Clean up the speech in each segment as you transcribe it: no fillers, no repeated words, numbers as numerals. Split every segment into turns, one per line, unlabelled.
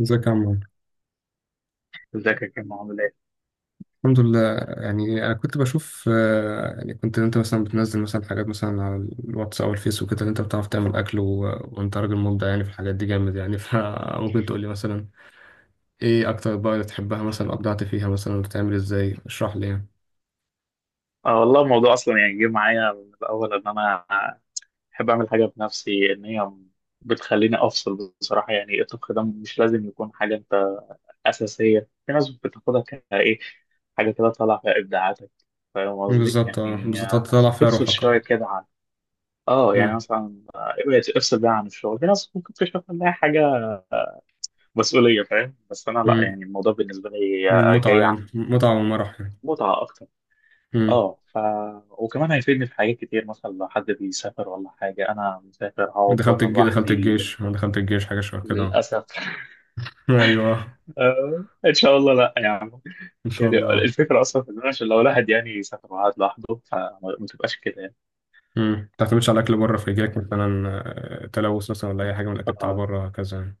ازيك يا عمار؟
ازيك يا كريم؟ عامل ايه؟
الحمد لله. يعني انا كنت بشوف يعني كنت انت مثلا بتنزل مثلا حاجات مثلا على الواتس او الفيس وكده اللي انت بتعرف تعمل اكل وانت راجل مبدع يعني في الحاجات دي جامد يعني فممكن تقول لي مثلا ايه اكتر بقى اللي تحبها؟ مثلا ابدعت فيها مثلا بتعمل ازاي؟ اشرح لي يعني.
اه والله الموضوع اصلا جه معايا من الاول ان انا بحب اعمل حاجه بنفسي، ان هي بتخليني افصل بصراحه. يعني الطبخ ده مش لازم يكون حاجه انت اساسيه، في ناس بتاخدها كايه حاجه كده طالعه فيها ابداعاتك. فاهم قصدي؟
بالظبط، اه،
يعني
بالظبط تطلع فيها
تفصل
روحك. اه.
شويه كده عن،
امم.
مثلا ابعد، افصل بقى عن الشغل. في ناس ممكن تشوف انها حاجه مسؤوليه، فاهم؟ بس انا لا،
امم.
يعني الموضوع بالنسبه لي
متعة،
جاي
يعني
عن
متعة ومرح يعني.
متعه اكتر.
امم.
اه ف وكمان هيفيدني في حاجات كتير، مثلا لو حد بيسافر ولا حاجة. أنا مسافر، هقعد
دخلت
بره
الجيش، دخلت
لوحدي
الجيش، دخلت الجيش، حاجة شبه كده.
للأسف.
ايوه.
إن شاء الله لا يعني.
ان شاء
يعني
الله.
الفكرة أصلا في إن أنا، عشان لو الواحد يعني يسافر وقعد لوحده، فما تبقاش كده يعني.
امم. ما تعتمدش على اكل بره، فيجيلك مثلا تلوث مثلا ولا اي حاجه من الاكل بتاع
آه،
بره كذا يعني.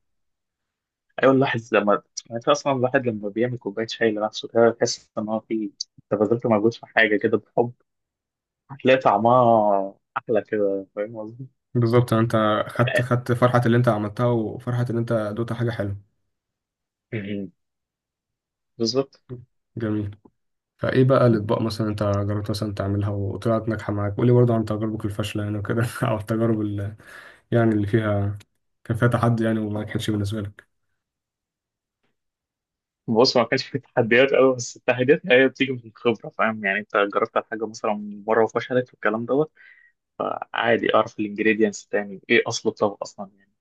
أيوة الواحد لما يعني، أنت أصلا الواحد لما بيعمل كوباية شاي لنفسه كده، بيحس إن هو في، أنت بذلت مجهود في حاجة كده بحب. هتلاقي طعمها أحلى كده، فاهم قصدي؟
بالظبط. انت خدت فرحه اللي انت عملتها وفرحه ان انت دوت حاجه حلوه.
بالظبط.
جميل. فايه بقى الاطباق مثلا انت جربت مثلا تعملها وطلعت ناجحه معاك؟ قولي برضه عن تجاربك الفاشله يعني وكده او التجارب اللي فيها كان فيها تحدي يعني وما نجحتش بالنسبه لك.
بص، ما كانش في تحديات قوي، بس التحديات هي بتيجي من الخبره. فاهم يعني انت جربت على حاجه مثلا مره وفشلت والكلام دوت. فعادي اعرف الانجريدينتس تاني ايه، اصل الطبق اصلا يعني.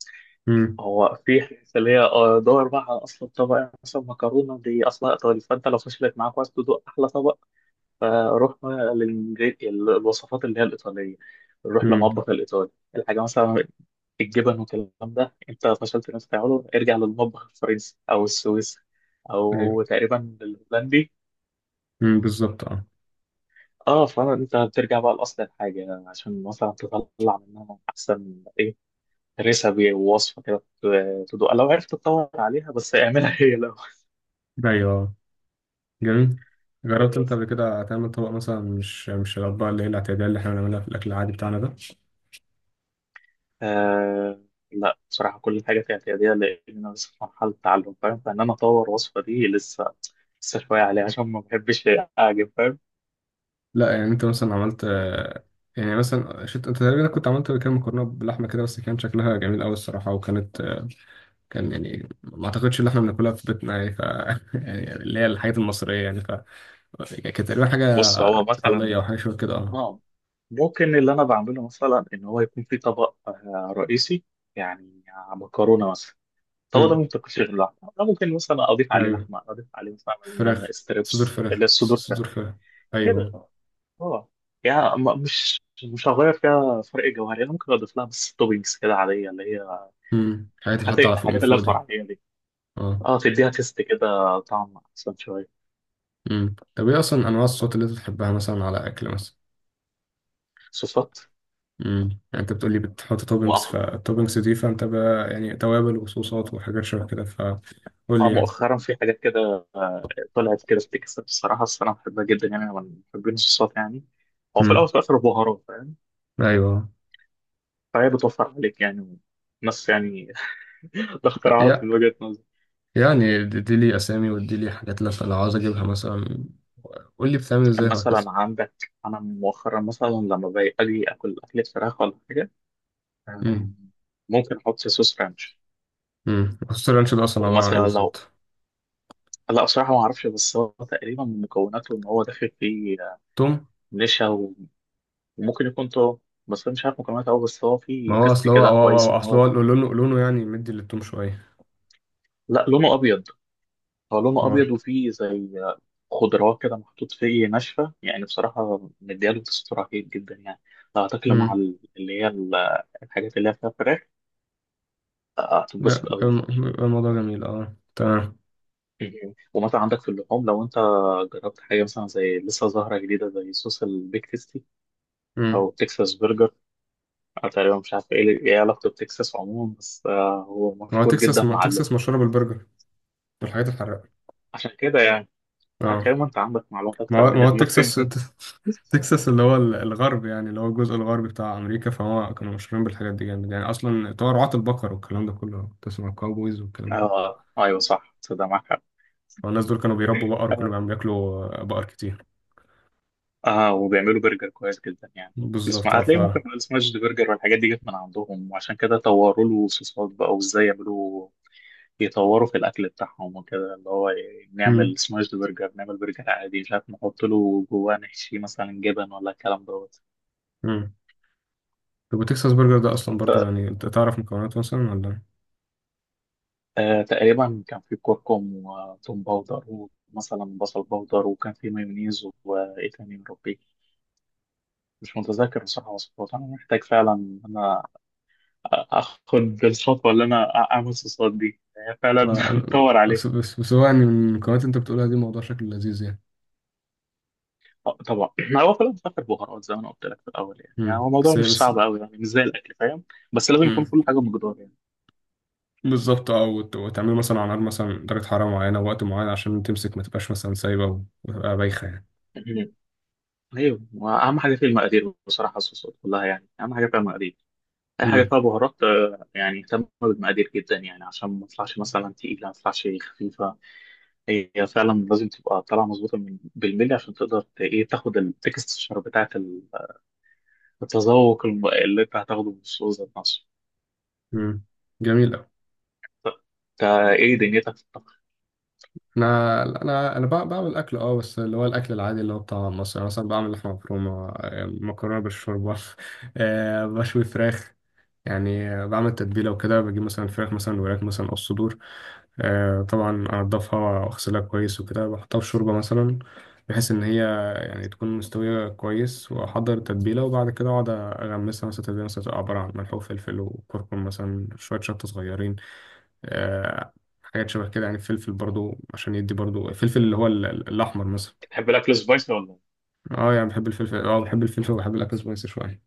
امم.
هو في حاجات اللي هي، دور بقى على اصل الطبق. يعني مثلا مكرونه دي اصلها ايطالي، فانت لو فشلت معاك وعايز تدوق احلى طبق، فروح بقى الوصفات اللي هي الايطاليه، روح
امم.
لمطبخ الايطالي. الحاجه مثلا الجبن والكلام ده، انت فشلت انك تعمله، ارجع للمطبخ الفرنسي او السويسري
ايوه.
او تقريبا الهولندي.
امم. بالظبط. اه.
اه، فانت بترجع بقى لاصل الحاجه عشان مثلا تطلع منها احسن ايه، ريسبي ووصفه كده تدوق، لو عرفت تدور عليها بس اعملها هي لو
ايوه. آه. جميل. جربت انت
بس.
قبل كده تعمل طبق مثلا مش الاطباق اللي هي الاعتياديه اللي احنا بنعملها في الاكل العادي بتاعنا ده؟
آه، لا بصراحه كل حاجه في اعتياديه، لان انا لسه في مرحله تعلم. فاهم؟ فان انا اطور وصفه دي لسه، لسه شويه عليها عشان ما بحبش اعجب، فاهم.
لا يعني انت مثلا عملت يعني مثلا شفت انت تقريبا كنت عملت كام مكرونه بلحمه كده، بس كان شكلها جميل قوي الصراحه، وكانت كان يعني ما اعتقدش ان احنا بناكلها في بيتنا يعني يعني اللي هي الحاجات المصريه يعني كانت تقريبا حاجه
بص، هو مثلا،
ايطاليه او حاجه شبه كده. اه.
اه ممكن اللي انا بعمله مثلا ان هو يكون في طبق رئيسي. يعني مكرونه مثلا، الطبق ده
امم.
ما بيتاكلش غير لحمه. أنا ممكن مثلا اضيف عليه
ايوه.
لحمه، اضيف عليه مثلا
فراخ. صدور
ستريبس اللي
فراخ،
هي الصدور
صدور فراخ.
كده،
ايوه.
اه. يعني مش هغير فيها فرق جوهري، انا ممكن اضيف لها بس توبينجز كده عاديه اللي هي،
امم. الحاجات اللي حاطه على فوق، من
الحاجات اللي
فوق
هي
دي.
الفرعيه دي،
اه.
اه. تديها تيست كده، طعم احسن شويه.
امم. طب ايه اصلا انواع الصوت اللي انت بتحبها مثلا على اكل مثلا؟
صوصات،
امم. يعني انت بتقولي بتحط توبنجز، فالتوبنجز دي فانت بقى يعني توابل وصوصات وحاجات شبه كده، فقول
اه.
لي يعني.
مؤخرا في حاجات كده طلعت كده بتكسب الصراحه، بس انا بحبها جدا. يعني انا من محبين الصوصات يعني، هو في الاول
امم.
وفي الاخر بهارات. فاهم؟
ايوه.
فهي بتوفر عليك يعني ناس يعني. ده اختراعات
يا
من وجهه نظري.
يعني دي لي اسامي ودي لي حاجات، لو عاوز اجيبها مثلا قول لي بتعمل ازاي
مثلا
وهكذا.
عندك انا مؤخرا، مثلا لما باجي اجي اكل اكله فراخ ولا حاجه، آه،
امم.
ممكن احط صوص رانش.
امم. خصوص الرانش ده اصلا عباره عن ايه
ومثلا لو
بالظبط؟
لا بصراحه ما اعرفش، بس هو تقريبا من مكوناته ان هو داخل فيه
توم.
نشا، وممكن يكون طرق. بس انا مش عارف مكوناته قوي، بس هو
ما
فيه
هو
تيست
اصل
كده كويس ان
اصل
هو،
هو لونه، يعني مدي للتوم شويه.
لا لونه ابيض. هو لونه
هو.
ابيض وفيه زي خضروات كده محطوط فيه ناشفه، يعني بصراحه مدياله تست رهيب جدا يعني. اعتقد مع
امم.
الحاجات اللي هي فيها فراخ هتتبسط قوي.
بقى الموضوع جميل. اه، تمام.
يعني ومثلا عندك في اللحوم، لو انت جربت حاجه مثلا، زي لسه ظاهره جديده زي صوص البيك تيستي
امم.
او تكساس برجر. أنا تقريبا مش عارف ايه، ايه علاقته بتكساس عموما، بس هو مشهور جدا
ما
مع اللحوم،
تكساس مشهوره بالبرجر والحاجات الحراقه.
عشان كده يعني.
اه.
كريم، انت عندك معلومات
ما
اكتر
هو
مني،
ما
طب
هو
ما
تكساس
تفيدني.
تكساس اللي هو الغرب يعني، اللي هو الجزء الغربي بتاع أمريكا. فهو كانوا مشهورين بالحاجات دي جامد يعني، أصلا بتوع رعاة البقر والكلام ده كله، تسمع الكاوبويز والكلام ده.
اه ايوه صح، تصدق معاك حق.
فالناس دول كانوا بيربوا بقر، وكانوا
اه
بياكلوا بقر كتير.
وبيعملوا برجر كويس جدا يعني.
بالظبط.
اسمع،
اه.
هتلاقي ممكن السماش برجر والحاجات دي جت من عندهم، وعشان كده طوروا له صوصات بقى وازاي يعملوا، يطوروا في الاكل بتاعهم وكده. اللي هو
مم.
نعمل سماش برجر، نعمل برجر عادي، مش عارف نحط له جواه، نحشي مثلا جبن ولا الكلام دوت.
مم. طب وتكساس برجر ده أصلا
انت،
برضو يعني أنت تعرف مكوناته مثلا ولا؟
آه تقريبا كان في كركم وتوم باودر ومثلا بصل باودر وكان في مايونيز، وايه تاني يا ربي مش متذكر بصراحة. وصفات أنا محتاج فعلا إن أنا اخد الخطوه اللي انا اعمل صوصات دي، هي فعلا
ما
بتطور عليها.
بس هو يعني من المكونات اللي أنت بتقولها دي موضوع شكله لذيذ يعني.
طبعا. هو كله بفكر بهارات زي ما انا قلت لك في الاول يعني. يعني
مم.
هو الموضوع
بس هي
مش
بس.
صعب قوي، يعني مش زي الاكل، فاهم. بس لازم يكون كل حاجه بمقدار يعني.
بالظبط. اه. وتعمله مثلا على نار مثلا درجة حرارة معينة ووقت معين عشان تمسك، ما تبقاش مثلا سايبة وتبقى بايخة يعني.
مهم. ايوه، واهم حاجه في المقادير بصراحه. الصوصات كلها يعني اهم حاجه فيها المقادير، اي حاجه
امم.
فيها بهارات يعني اهتم بالمقادير جدا، يعني عشان ما تطلعش مثلا تقيله، ما تطلعش خفيفه. هي فعلا لازم تبقى طالعه مظبوطه من بالملي، عشان تقدر ايه، تاخد التكستشر بتاعت التذوق، اللي انت هتاخده من السوق ذات نفسه.
امم. جميل أوي.
طب، انت ايه دنيتك في الطبخ؟
أنا أنا أنا بعمل أكل أه، بس اللي هو الأكل العادي اللي هو بتاع مصر، يعني مثلا بعمل لحمة مفرومة، مكرونة بالشوربة بشوي فراخ. يعني بعمل تتبيلة وكده، بجيب مثلا الفراخ، مثلا الوراك مثلا أو الصدور. طبعا أنضفها وأغسلها كويس وكده، بحطها في شوربة مثلا بحيث إن هي يعني تكون مستوية كويس. وأحضر التتبيلة وبعد كده أقعد أغمسها، مثلا تتبيلة مثلا تبقى عبارة عن ملح وفلفل وكركم مثلا، شوية شطة صغيرين. آه، حاجات شبه كده. يعني فلفل برضو عشان يدي برضو الفلفل اللي هو الأحمر مثلا.
بتحب الاكل سبايسي ولا؟
اه. يعني بحب الفلفل، اه بحب الفلفل وبحب الأكل سبايسي شوية.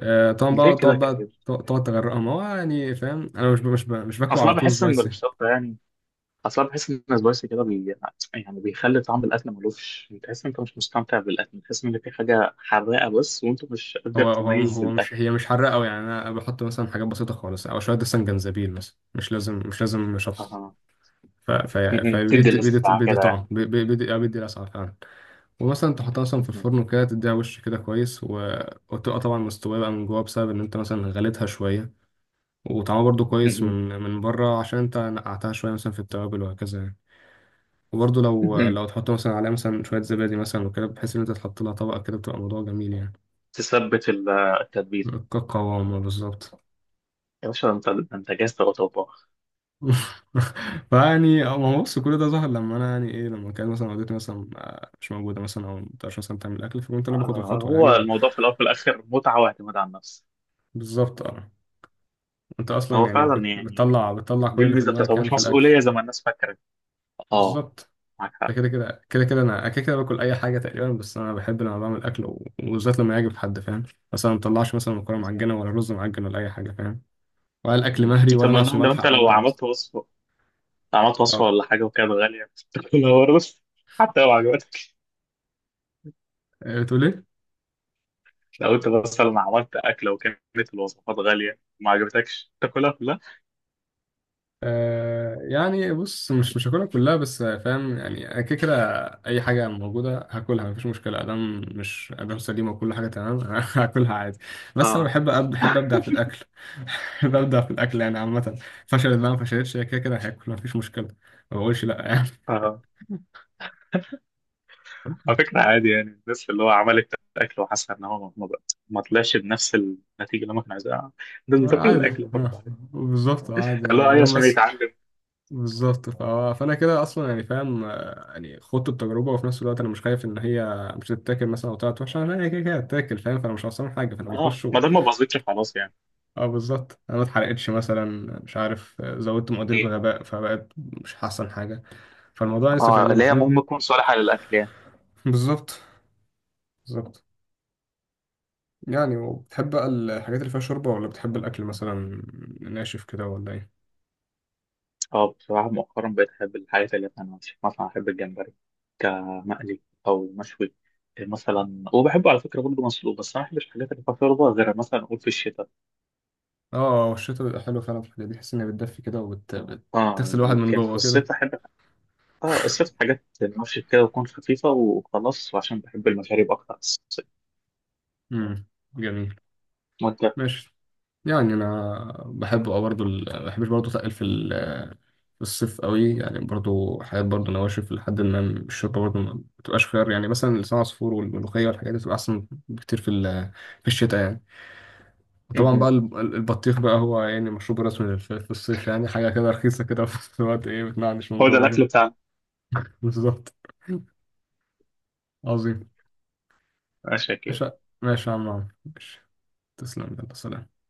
طبعا
ليه
بقى
كده
تقعد،
كئيب؟
تغرقها. ما هو يعني فاهم، انا مش باكله
اصلا
على طول
بحس ان
سبايسي.
الشطه يعني، اصلا بحس ان سبايسي كده بي… يعني بيخلي طعم الاكل ملوش، بتحس ان انت مش مستمتع بالاكل، بتحس ان في حاجه حراقه بس وانت مش قادر
هو هو
تميز
هو مش
الاكل.
هي مش حراقه قوي. يعني انا بحط مثلا حاجات بسيطه خالص او شويه مثلا جنزبيل مثلا، مش لازم شطه.
آه.
ف ف
مهم. تدي
فبيدي بيدي
لسعه
بيدي
كده يعني.
طعم، بيدي بيدي لسعه فعلا. ومثلا تحطها مثلا في
مهم.
الفرن وكده، تديها وش كده كويس وتبقى طبعا مستويه بقى من جوه بسبب ان انت مثلا غليتها شويه، وطعمها برضو كويس
مهم.
من بره عشان انت نقعتها شويه مثلا في التوابل وهكذا يعني. وبرضه لو
مهم.
لو تحط مثلا عليها مثلا شوية زبادي مثلا وكده، بحيث إن أنت تحط لها طبقة كده بتبقى موضوع جميل يعني.
تثبت التتبيله.
كقوامة، بالظبط.
يا باشا انت، انت جاهز تبقى طباخ.
فيعني هو بص، كل ده ظهر لما أنا يعني إيه لما كانت مثلا والدتي مثلا مش موجودة، مثلا أو مبتقدرش مثلا تعمل أكل، فكنت أنا باخد الخطوة يعني
هو
و-
الموضوع في الاول وفي الاخر متعه واعتماد على النفس.
بالظبط أه. أنت أصلا
هو
يعني
فعلا يعني
بتطلع
دي
كل اللي في
الميزه بتاعته،
دماغك
هو
يعني
مش
في الأكل.
مسؤوليه زي ما الناس فاكره. اه،
بالظبط.
معاك
ده
حق.
كده كده كده كده أنا كده كده باكل أي حاجة تقريبا، بس أنا بحب لما بعمل أكل وبالذات لما يعجب حد فاهم. مثلا ما بطلعش مثلا مكرونة
مم.
معجنة ولا رز معجن ولا أي حاجة فاهم؟ ولا الاكل
مم.
مهري
انت
ولا
من
ناقصه
النوع لو
ملح
انت، لو
او او
عملت وصفه، عملت وصفه
أو-
ولا حاجه وكانت غاليه بتاكلها برضه حتى لو عجبتك؟
بتقول ايه؟
لو انت مثلا عملت اكله وكانت الوصفات غاليه وما عجبتكش، تاكلها كلها؟
آه يعني بص، مش هاكلها كلها بس فاهم. يعني انا كده كده اي حاجه موجوده هاكلها مفيش مشكله، ادام مش ادام سليمه وكل حاجه تمام هاكلها عادي. بس انا
اه.
بحب بحب ابدع في الاكل بحب ابدع في الاكل يعني عامه. فشلت بقى ما فشلتش، هي كده كده هاكل مفيش مشكله. ما بقولش لا يعني.
اه، على فكره عادي. يعني الناس اللي هو عملت اكل وحاسه ان هو ما طلعش بنفس النتيجه اللي هم كانوا عايزينها، الناس بتاكل
عادي.
الاكل
آه،
برضه عادي.
بالظبط عادي يعني،
لا، هي
المهم
عشان
بس.
يتعلم.
بالظبط. فانا كده اصلا يعني فاهم. يعني خدت التجربه، وفي نفس الوقت انا مش خايف ان هي مش تتاكل مثلا او طلعت وحشه. انا هي كده كده هتتاكل فاهم، فانا مش خسران حاجه، فانا
اه،
بخش.
ما دام ما باظتش خلاص
اه، بالظبط انا ما اتحرقتش مثلا، مش عارف زودت مقادير
يعني.
بغباء فبقت مش احسن حاجه. فالموضوع لسه في
اه،
ايدينا
اللي هي
فاهم.
المهم تكون صالحة للأكل يعني.
بالظبط. بالظبط. يعني، وبتحب بقى الحاجات اللي فيها شوربه ولا بتحب الاكل مثلا ناشف كده ولا ايه؟
اه بصراحة مؤخرا بقيت أحب الحاجات اللي فيها نواشف، مثلا أحب الجمبري كمقلي أو مشوي مثلا، وبحبه على فكرة برضه مسلوق. بس أنا ما بحبش الحاجات اللي فيها شوربة غير مثلا أقول في الشتاء.
اه، الشتا بيبقى حلو فعلا في الحاجات دي، بحس انها بتدفي كده وبتغسل
اه،
الواحد من
يمكن في
جوه كده.
الصيف أحب، اه الصيف حاجات نواشف كده وتكون خفيفة وخلاص، وعشان بحب المشاريب أكتر في الصيف.
امم. جميل.
وأنت؟
ماشي. يعني انا بحب اه برضه بحبش برضه اتقل في في الصيف قوي. يعني برضه حاجات برضه نواشف لحد ما الشوربه برضه ما بتبقاش خيار، يعني مثلا لسان عصفور والملوخيه والحاجات دي بتبقى احسن بكتير في في الشتاء يعني. وطبعا بقى
مهم.
البطيخ بقى هو يعني مشروب رسمي في الصيف، يعني حاجه كده رخيصه كده في نفس الوقت ايه بتنعنش من
هو ده
جوه
الأكل
كده.
بتاعنا.
بالظبط. عظيم.
ماشي كده.
ماشي ماشي يا عم عمرو. ماشي. تسلم، يلا سلام.